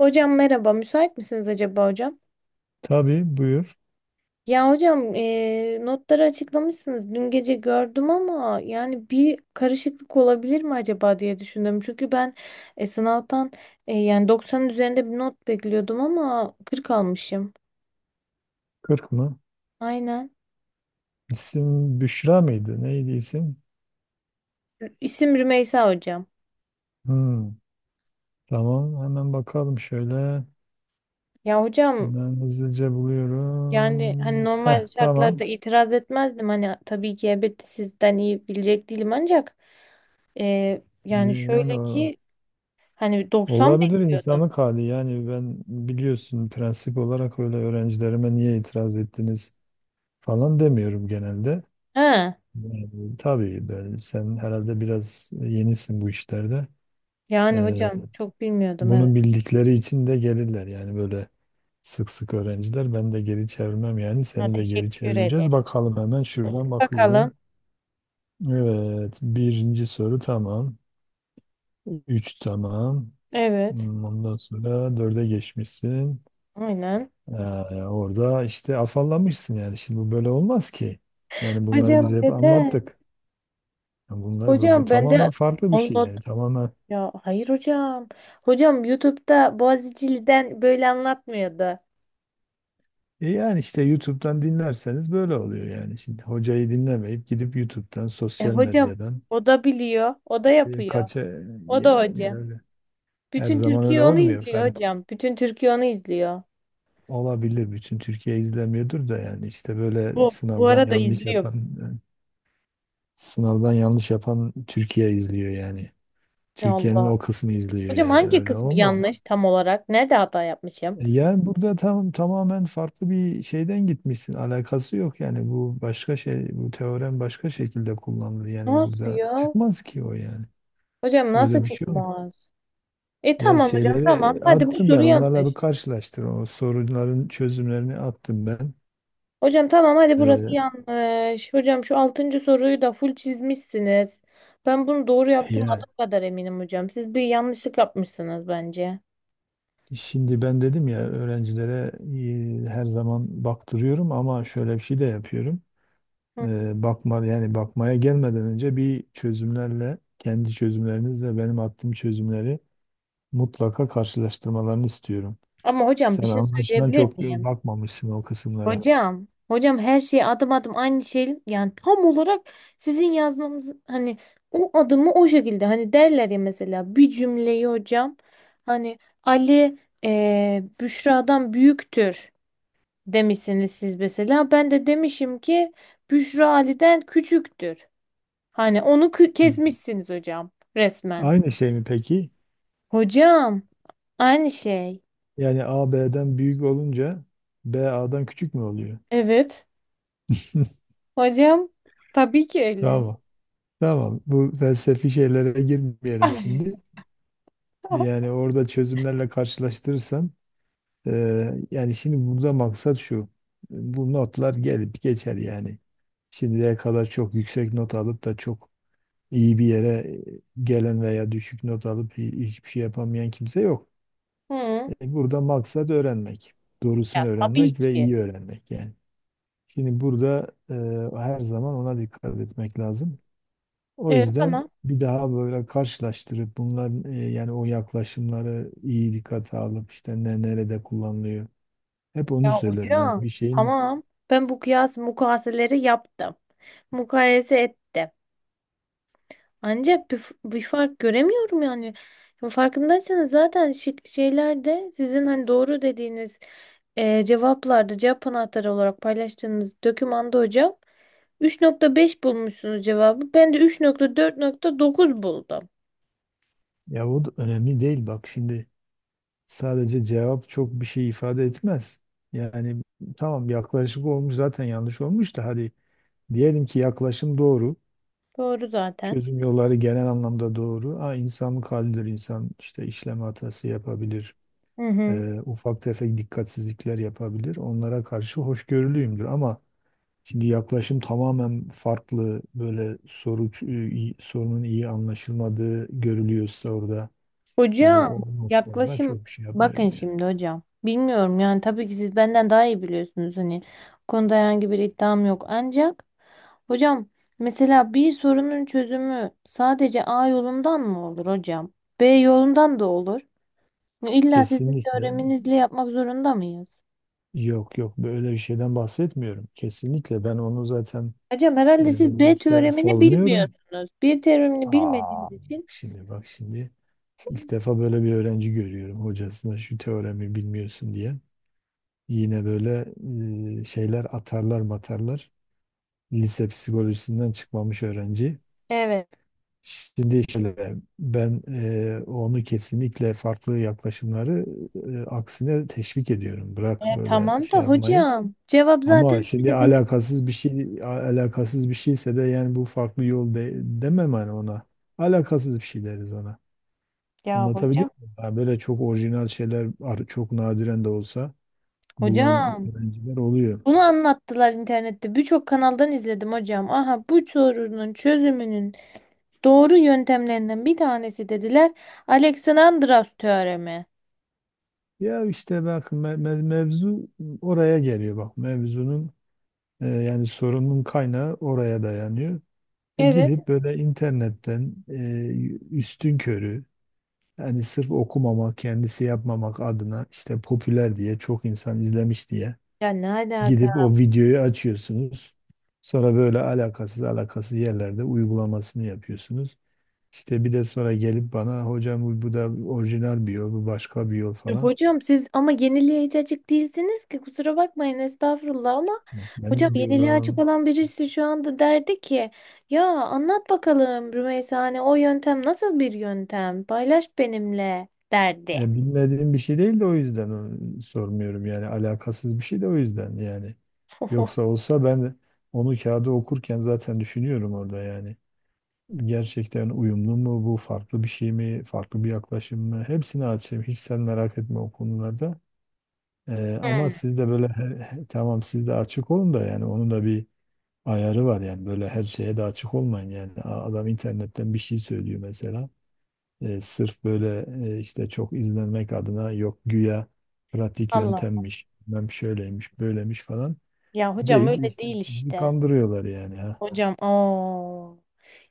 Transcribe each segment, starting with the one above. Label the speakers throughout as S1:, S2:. S1: Hocam merhaba, müsait misiniz acaba hocam?
S2: Tabii buyur.
S1: Ya hocam notları açıklamışsınız. Dün gece gördüm ama yani bir karışıklık olabilir mi acaba diye düşündüm. Çünkü ben sınavdan yani 90'ın üzerinde bir not bekliyordum ama 40 almışım.
S2: Kırk mı?
S1: Aynen.
S2: İsim Büşra mıydı? Neydi isim?
S1: İsim Rümeysa hocam.
S2: Hmm, tamam hemen bakalım şöyle.
S1: Ya hocam
S2: Hemen hızlıca
S1: yani hani
S2: buluyorum. Heh,
S1: normal şartlarda
S2: tamam.
S1: itiraz etmezdim. Hani tabii ki elbette sizden iyi bilecek değilim ancak yani
S2: Yani
S1: şöyle ki hani 90
S2: olabilir
S1: bekliyordum.
S2: insanlık hali. Yani ben biliyorsun, prensip olarak öyle öğrencilerime niye itiraz ettiniz falan demiyorum genelde.
S1: He.
S2: Yani, tabii ben, sen herhalde biraz yenisin bu işlerde.
S1: Yani
S2: Ee,
S1: hocam çok bilmiyordum evet.
S2: bunu bildikleri için de gelirler. Yani böyle sık sık öğrenciler. Ben de geri çevirmem yani.
S1: Ha,
S2: Seni de geri
S1: teşekkür
S2: çevirmeyeceğiz.
S1: ederim.
S2: Bakalım, hemen şuradan bakıyorum.
S1: Bakalım.
S2: Evet. Birinci soru tamam. Üç tamam.
S1: Evet.
S2: Ondan sonra dörde geçmişsin.
S1: Aynen.
S2: Ee, orada işte afallamışsın yani. Şimdi bu böyle olmaz ki. Yani bunları biz
S1: Hocam
S2: hep
S1: dede.
S2: anlattık. Yani bunlar, bu
S1: Hocam ben de
S2: tamamen farklı bir şey
S1: anlat.
S2: yani. Tamamen.
S1: Ya hayır hocam. Hocam YouTube'da Boğaziçi'liden böyle anlatmıyordu.
S2: Yani işte YouTube'dan dinlerseniz böyle oluyor yani. Şimdi hocayı dinlemeyip gidip YouTube'dan, sosyal
S1: Hocam
S2: medyadan,
S1: o da biliyor. O da yapıyor.
S2: kaça
S1: O da
S2: yani
S1: hoca.
S2: öyle. Her
S1: Bütün
S2: zaman öyle
S1: Türkiye onu
S2: olmuyor.
S1: izliyor
S2: Fark
S1: hocam. Bütün Türkiye onu izliyor.
S2: olabilir. Bütün Türkiye izlemiyordur da yani, işte böyle
S1: Bu, bu arada izliyor.
S2: sınavdan yanlış yapan Türkiye izliyor yani.
S1: Ya
S2: Türkiye'nin
S1: Allah.
S2: o kısmı izliyor
S1: Hocam
S2: yani.
S1: hangi
S2: Öyle
S1: kısmı
S2: olmaz.
S1: yanlış tam olarak? Nerede hata yapmışım?
S2: Yani burada tam tamamen farklı bir şeyden gitmişsin. Alakası yok yani. Bu başka şey, bu teorem başka şekilde kullanılır. Yani
S1: Nasıl
S2: burada
S1: ya?
S2: çıkmaz ki o yani.
S1: Hocam nasıl
S2: Öyle bir şey yok.
S1: çıkmaz? E
S2: Ya,
S1: tamam hocam
S2: şeyleri
S1: tamam. Hadi bu
S2: attım
S1: soru
S2: ben. Onlarla
S1: yanlış.
S2: bir karşılaştır. O sorunların çözümlerini attım ben.
S1: Hocam tamam hadi burası
S2: E,
S1: yanlış. Hocam şu altıncı soruyu da full çizmişsiniz. Ben bunu doğru yaptım
S2: Ya
S1: adım kadar eminim hocam. Siz bir yanlışlık yapmışsınız bence.
S2: şimdi ben dedim ya, öğrencilere her zaman baktırıyorum ama şöyle bir şey de yapıyorum.
S1: Hı.
S2: Bakmaya gelmeden önce, bir çözümlerle kendi çözümlerinizle benim attığım çözümleri mutlaka karşılaştırmalarını istiyorum.
S1: Ama hocam
S2: Sen
S1: bir şey
S2: anlaşılan
S1: söyleyebilir
S2: çok
S1: miyim?
S2: bakmamışsın o kısımlara.
S1: Hocam, her şey adım adım aynı şey yani tam olarak sizin yazmamız hani o adımı o şekilde hani derler ya mesela bir cümleyi hocam hani Ali Büşra'dan büyüktür demişsiniz siz mesela ben de demişim ki Büşra Ali'den küçüktür. Hani onu
S2: Hı.
S1: kesmişsiniz hocam resmen.
S2: Aynı şey mi peki?
S1: Hocam aynı şey.
S2: Yani A B'den büyük olunca B A'dan küçük mü oluyor?
S1: Evet hocam tabii ki öyle.
S2: Tamam. Tamam. Bu felsefi şeylere girmeyelim şimdi. Yani orada çözümlerle karşılaştırırsan, yani şimdi burada maksat şu. Bu notlar gelip geçer yani. Şimdiye kadar çok yüksek not alıp da çok iyi bir yere gelen veya düşük not alıp hiçbir şey yapamayan kimse yok.
S1: Hı.
S2: Burada maksat öğrenmek. Doğrusunu
S1: Ya tabii
S2: öğrenmek ve
S1: ki.
S2: iyi öğrenmek yani. Şimdi burada her zaman ona dikkat etmek lazım. O
S1: Evet
S2: yüzden
S1: tamam.
S2: bir daha böyle karşılaştırıp bunların, yani o yaklaşımları iyi dikkate alıp işte ne nerede kullanılıyor. Hep onu
S1: Ya
S2: söylerim. Hani
S1: hocam
S2: bir şeyin...
S1: tamam ben bu kıyas mukayeseleri yaptım. Mukayese ettim. Ancak bir fark göremiyorum yani. Ya farkındaysanız zaten şık şeylerde sizin hani doğru dediğiniz cevaplarda cevap anahtarı olarak paylaştığınız dokümanda hocam 3,5 bulmuşsunuz cevabı. Ben de üç nokta dört nokta dokuz buldum.
S2: Ya, o da önemli değil, bak şimdi, sadece cevap çok bir şey ifade etmez. Yani tamam, yaklaşık olmuş zaten, yanlış olmuş da, hadi diyelim ki yaklaşım doğru.
S1: Doğru zaten.
S2: Çözüm yolları genel anlamda doğru. Ha, insanlık halidir, insan işte işlem hatası yapabilir,
S1: Hı hı.
S2: ufak tefek dikkatsizlikler yapabilir. Onlara karşı hoşgörülüyümdür, ama şimdi yaklaşım tamamen farklı, böyle sorunun iyi anlaşılmadığı görülüyorsa orada, yani
S1: Hocam
S2: o noktada
S1: yaklaşım
S2: çok bir şey yapmıyorum
S1: bakın
S2: yani.
S1: şimdi hocam. Bilmiyorum yani tabii ki siz benden daha iyi biliyorsunuz hani bu konuda herhangi bir iddiam yok ancak hocam mesela bir sorunun çözümü sadece A yolundan mı olur hocam? B yolundan da olur. Hani İlla sizin
S2: Kesinlikle
S1: teoreminizle yapmak zorunda mıyız?
S2: yok, yok, böyle bir şeyden bahsetmiyorum. Kesinlikle ben onu zaten
S1: Hocam
S2: e,
S1: herhalde siz B teoremini
S2: savunuyorum.
S1: bilmiyorsunuz. B teoremini bilmediğiniz
S2: Bak.
S1: için.
S2: Şimdi bak şimdi, ilk defa böyle bir öğrenci görüyorum hocasına şu teoremi bilmiyorsun diye. Yine böyle şeyler atarlar matarlar. Lise psikolojisinden çıkmamış öğrenci. Şimdi şöyle, ben onu kesinlikle, farklı yaklaşımları, aksine teşvik ediyorum. Bırak böyle
S1: Tamam da
S2: şey yapmayı.
S1: hocam cevap
S2: Ama
S1: zaten.
S2: şimdi alakasız bir şeyse de yani, bu farklı yol demem hani ona. Alakasız bir şey deriz ona.
S1: Ya
S2: Anlatabiliyor
S1: hocam.
S2: muyum? Yani böyle çok orijinal şeyler çok nadiren de olsa bulan
S1: Hocam.
S2: öğrenciler oluyor.
S1: Bunu anlattılar internette. Birçok kanaldan izledim hocam. Aha bu sorunun çözümünün doğru yöntemlerinden bir tanesi dediler. Alexandros teoremi.
S2: Ya işte bak, mevzu oraya geliyor, bak mevzunun, yani sorunun kaynağı oraya dayanıyor. E
S1: Evet.
S2: gidip böyle internetten, üstün körü, yani sırf okumamak, kendisi yapmamak adına, işte popüler diye, çok insan izlemiş diye
S1: Ya ne alaka?
S2: gidip o videoyu açıyorsunuz. Sonra böyle alakasız alakasız yerlerde uygulamasını yapıyorsunuz. İşte bir de sonra gelip bana, hocam bu da orijinal bir yol, bu başka bir yol falan.
S1: Hocam siz ama yeniliğe hiç açık değilsiniz ki kusura bakmayın estağfurullah ama
S2: Ben
S1: hocam
S2: de
S1: yeniliğe açık
S2: diyorum.
S1: olan birisi şu anda derdi ki ya anlat bakalım Rümeysa hani o yöntem nasıl bir yöntem paylaş benimle derdi.
S2: Ya bilmediğim bir şey değil de o yüzden onu sormuyorum yani, alakasız bir şey de o yüzden yani. Yoksa olsa ben onu kağıda okurken zaten düşünüyorum orada yani. Gerçekten uyumlu mu, bu farklı bir şey mi, farklı bir yaklaşım mı, hepsini açayım, hiç sen merak etme o konularda. Ee,
S1: Hmm.
S2: ama siz de böyle tamam, siz de açık olun da, yani onun da bir ayarı var, yani böyle her şeye de açık olmayın yani, adam internetten bir şey söylüyor mesela. Sırf böyle, işte çok izlenmek adına, yok güya pratik
S1: Allah
S2: yöntemmiş, bilmem şöyleymiş, böyleymiş falan
S1: ya hocam
S2: deyip
S1: öyle
S2: işte
S1: değil
S2: sizi
S1: işte.
S2: kandırıyorlar yani, ha.
S1: Hocam o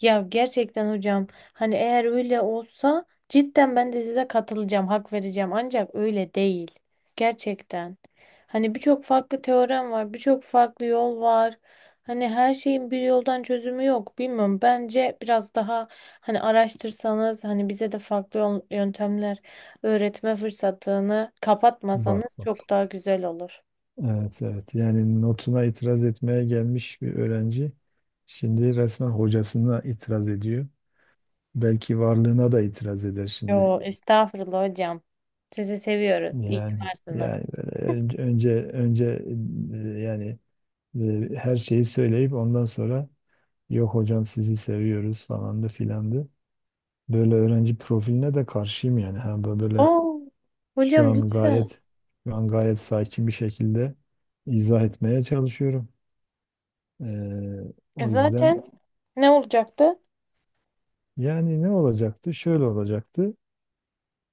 S1: ya gerçekten hocam hani eğer öyle olsa cidden ben de size katılacağım hak vereceğim ancak öyle değil gerçekten hani birçok farklı teorem var birçok farklı yol var hani her şeyin bir yoldan çözümü yok bilmiyorum bence biraz daha hani araştırsanız hani bize de farklı yöntemler öğretme fırsatını
S2: Bak
S1: kapatmasanız
S2: bak.
S1: çok daha güzel olur.
S2: Evet, evet. Yani notuna itiraz etmeye gelmiş bir öğrenci şimdi resmen hocasına itiraz ediyor. Belki varlığına da itiraz eder şimdi.
S1: Yo estağfurullah hocam sizi seviyoruz İyi ki
S2: Yani
S1: varsınız.
S2: yani böyle önce, yani, her şeyi söyleyip ondan sonra, yok hocam sizi seviyoruz falandı filandı. Böyle öğrenci profiline de karşıyım yani. Ha, böyle
S1: Aa,
S2: şu
S1: hocam
S2: an
S1: lütfen.
S2: gayet şu an gayet sakin bir şekilde izah etmeye çalışıyorum. Ee,
S1: E
S2: o yüzden,
S1: zaten ne olacaktı?
S2: yani ne olacaktı? Şöyle olacaktı.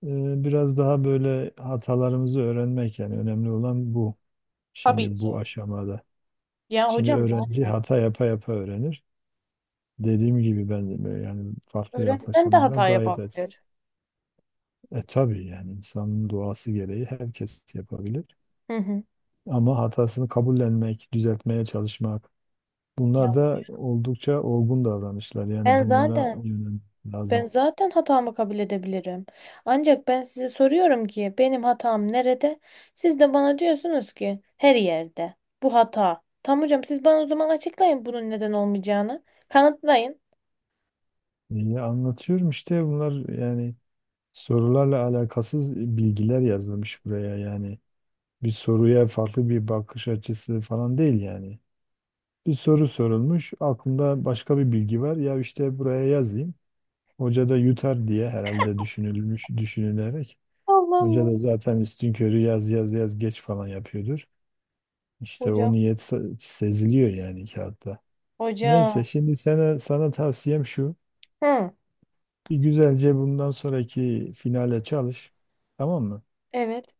S2: Biraz daha böyle hatalarımızı öğrenmek, yani önemli olan bu.
S1: Tabii
S2: Şimdi
S1: ki.
S2: bu aşamada.
S1: Ya
S2: Şimdi
S1: hocam
S2: öğrenci
S1: zaten
S2: hata yapa yapa öğrenir. Dediğim gibi ben de böyle yani, farklı
S1: öğretmen de
S2: yaklaşımlara
S1: hata
S2: gayet aç.
S1: yapabilir.
S2: Tabii yani, insanın doğası gereği herkes yapabilir.
S1: Hı hı.
S2: Ama hatasını kabullenmek, düzeltmeye çalışmak.
S1: Ya
S2: Bunlar da oldukça olgun davranışlar. Yani
S1: ben
S2: bunlara
S1: zaten
S2: yönelmek
S1: Ben
S2: lazım.
S1: zaten hatamı kabul edebilirim. Ancak ben size soruyorum ki benim hatam nerede? Siz de bana diyorsunuz ki her yerde. Bu hata. Tamam hocam siz bana o zaman açıklayın bunun neden olmayacağını. Kanıtlayın.
S2: İyi anlatıyorum işte, bunlar yani sorularla alakasız bilgiler yazılmış buraya yani. Bir soruya farklı bir bakış açısı falan değil yani. Bir soru sorulmuş, aklında başka bir bilgi var. Ya işte buraya yazayım. Hoca da yutar diye herhalde düşünülmüş, düşünülerek.
S1: Allah
S2: Hoca
S1: Allah.
S2: da zaten üstünkörü yaz yaz yaz geç falan yapıyordur. İşte
S1: Hocam.
S2: o niyet seziliyor yani kağıtta. Neyse
S1: Hocam.
S2: şimdi sana tavsiyem şu.
S1: Hı,
S2: Bir güzelce bundan sonraki finale çalış. Tamam mı?
S1: evet.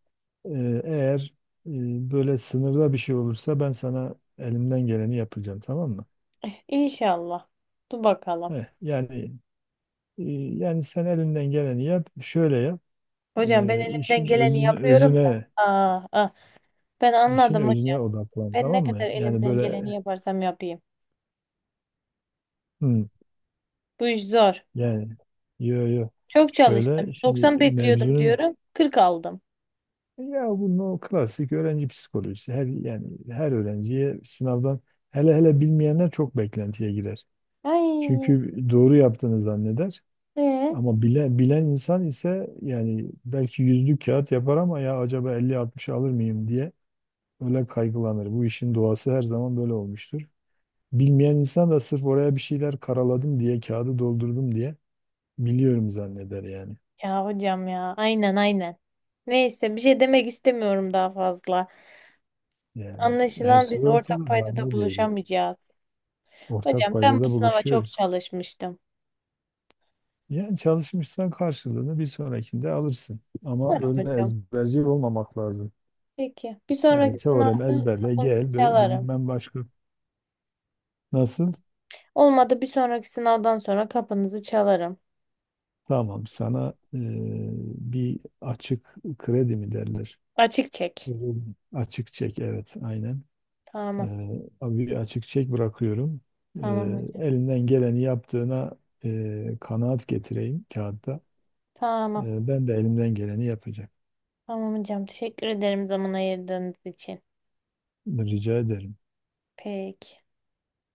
S2: Eğer e, böyle sınırda bir şey olursa, ben sana elimden geleni yapacağım. Tamam mı?
S1: Eh, İnşallah. Dur bakalım.
S2: Heh, yani yani sen elinden geleni yap. Şöyle yap.
S1: Hocam ben elimden
S2: İşin
S1: geleni
S2: özüne,
S1: yapıyorum da.
S2: özüne
S1: Aa, ah, ben
S2: işin
S1: anladım hocam.
S2: özüne odaklan.
S1: Ben ne
S2: Tamam
S1: kadar
S2: mı? Yani
S1: elimden geleni
S2: böyle,
S1: yaparsam yapayım.
S2: hmm,
S1: Bu iş zor.
S2: yani, yo yo.
S1: Çok çalıştım.
S2: Şöyle
S1: 90
S2: şimdi
S1: bekliyordum
S2: mevzunun...
S1: diyorum. 40 aldım.
S2: Ya, bunun o klasik öğrenci psikolojisi. Her öğrenciye sınavdan, hele hele bilmeyenler çok beklentiye girer.
S1: Ay.
S2: Çünkü doğru yaptığını zanneder.
S1: Ee?
S2: Ama bilen insan ise, yani belki yüzlük kağıt yapar, ama ya acaba elli 60 alır mıyım diye öyle kaygılanır. Bu işin doğası her zaman böyle olmuştur. Bilmeyen insan da sırf oraya bir şeyler karaladım diye, kağıdı doldurdum diye biliyorum zanneder yani.
S1: Ya hocam ya. Aynen, aynen. Neyse bir şey demek istemiyorum daha fazla.
S2: Yani her
S1: Anlaşılan biz
S2: şey
S1: ortak
S2: ortada, daha
S1: paydada
S2: ne diyebilirim.
S1: buluşamayacağız.
S2: Ortak
S1: Hocam ben bu
S2: paydada
S1: sınava çok
S2: buluşuyoruz.
S1: çalışmıştım.
S2: Yani çalışmışsan karşılığını bir sonrakinde alırsın. Ama
S1: Umarım
S2: böyle
S1: hocam.
S2: ezberci olmamak lazım.
S1: Peki. Bir
S2: Yani
S1: sonraki
S2: teorem
S1: sınavda
S2: ezberle
S1: kapınızı
S2: gel,
S1: çalarım.
S2: bilmem başka nasıl?
S1: Olmadı bir sonraki sınavdan sonra kapınızı çalarım.
S2: Tamam sana, bir açık kredi mi derler?
S1: Açık çek.
S2: Evet. Açık çek, evet, aynen. E,
S1: Tamam.
S2: abi bir açık çek bırakıyorum. E,
S1: Tamam hocam.
S2: elinden geleni yaptığına, kanaat getireyim kağıtta.
S1: Tamam.
S2: Ben de elimden geleni yapacağım.
S1: Tamam hocam. Teşekkür ederim zaman ayırdığınız için.
S2: Rica ederim.
S1: Peki.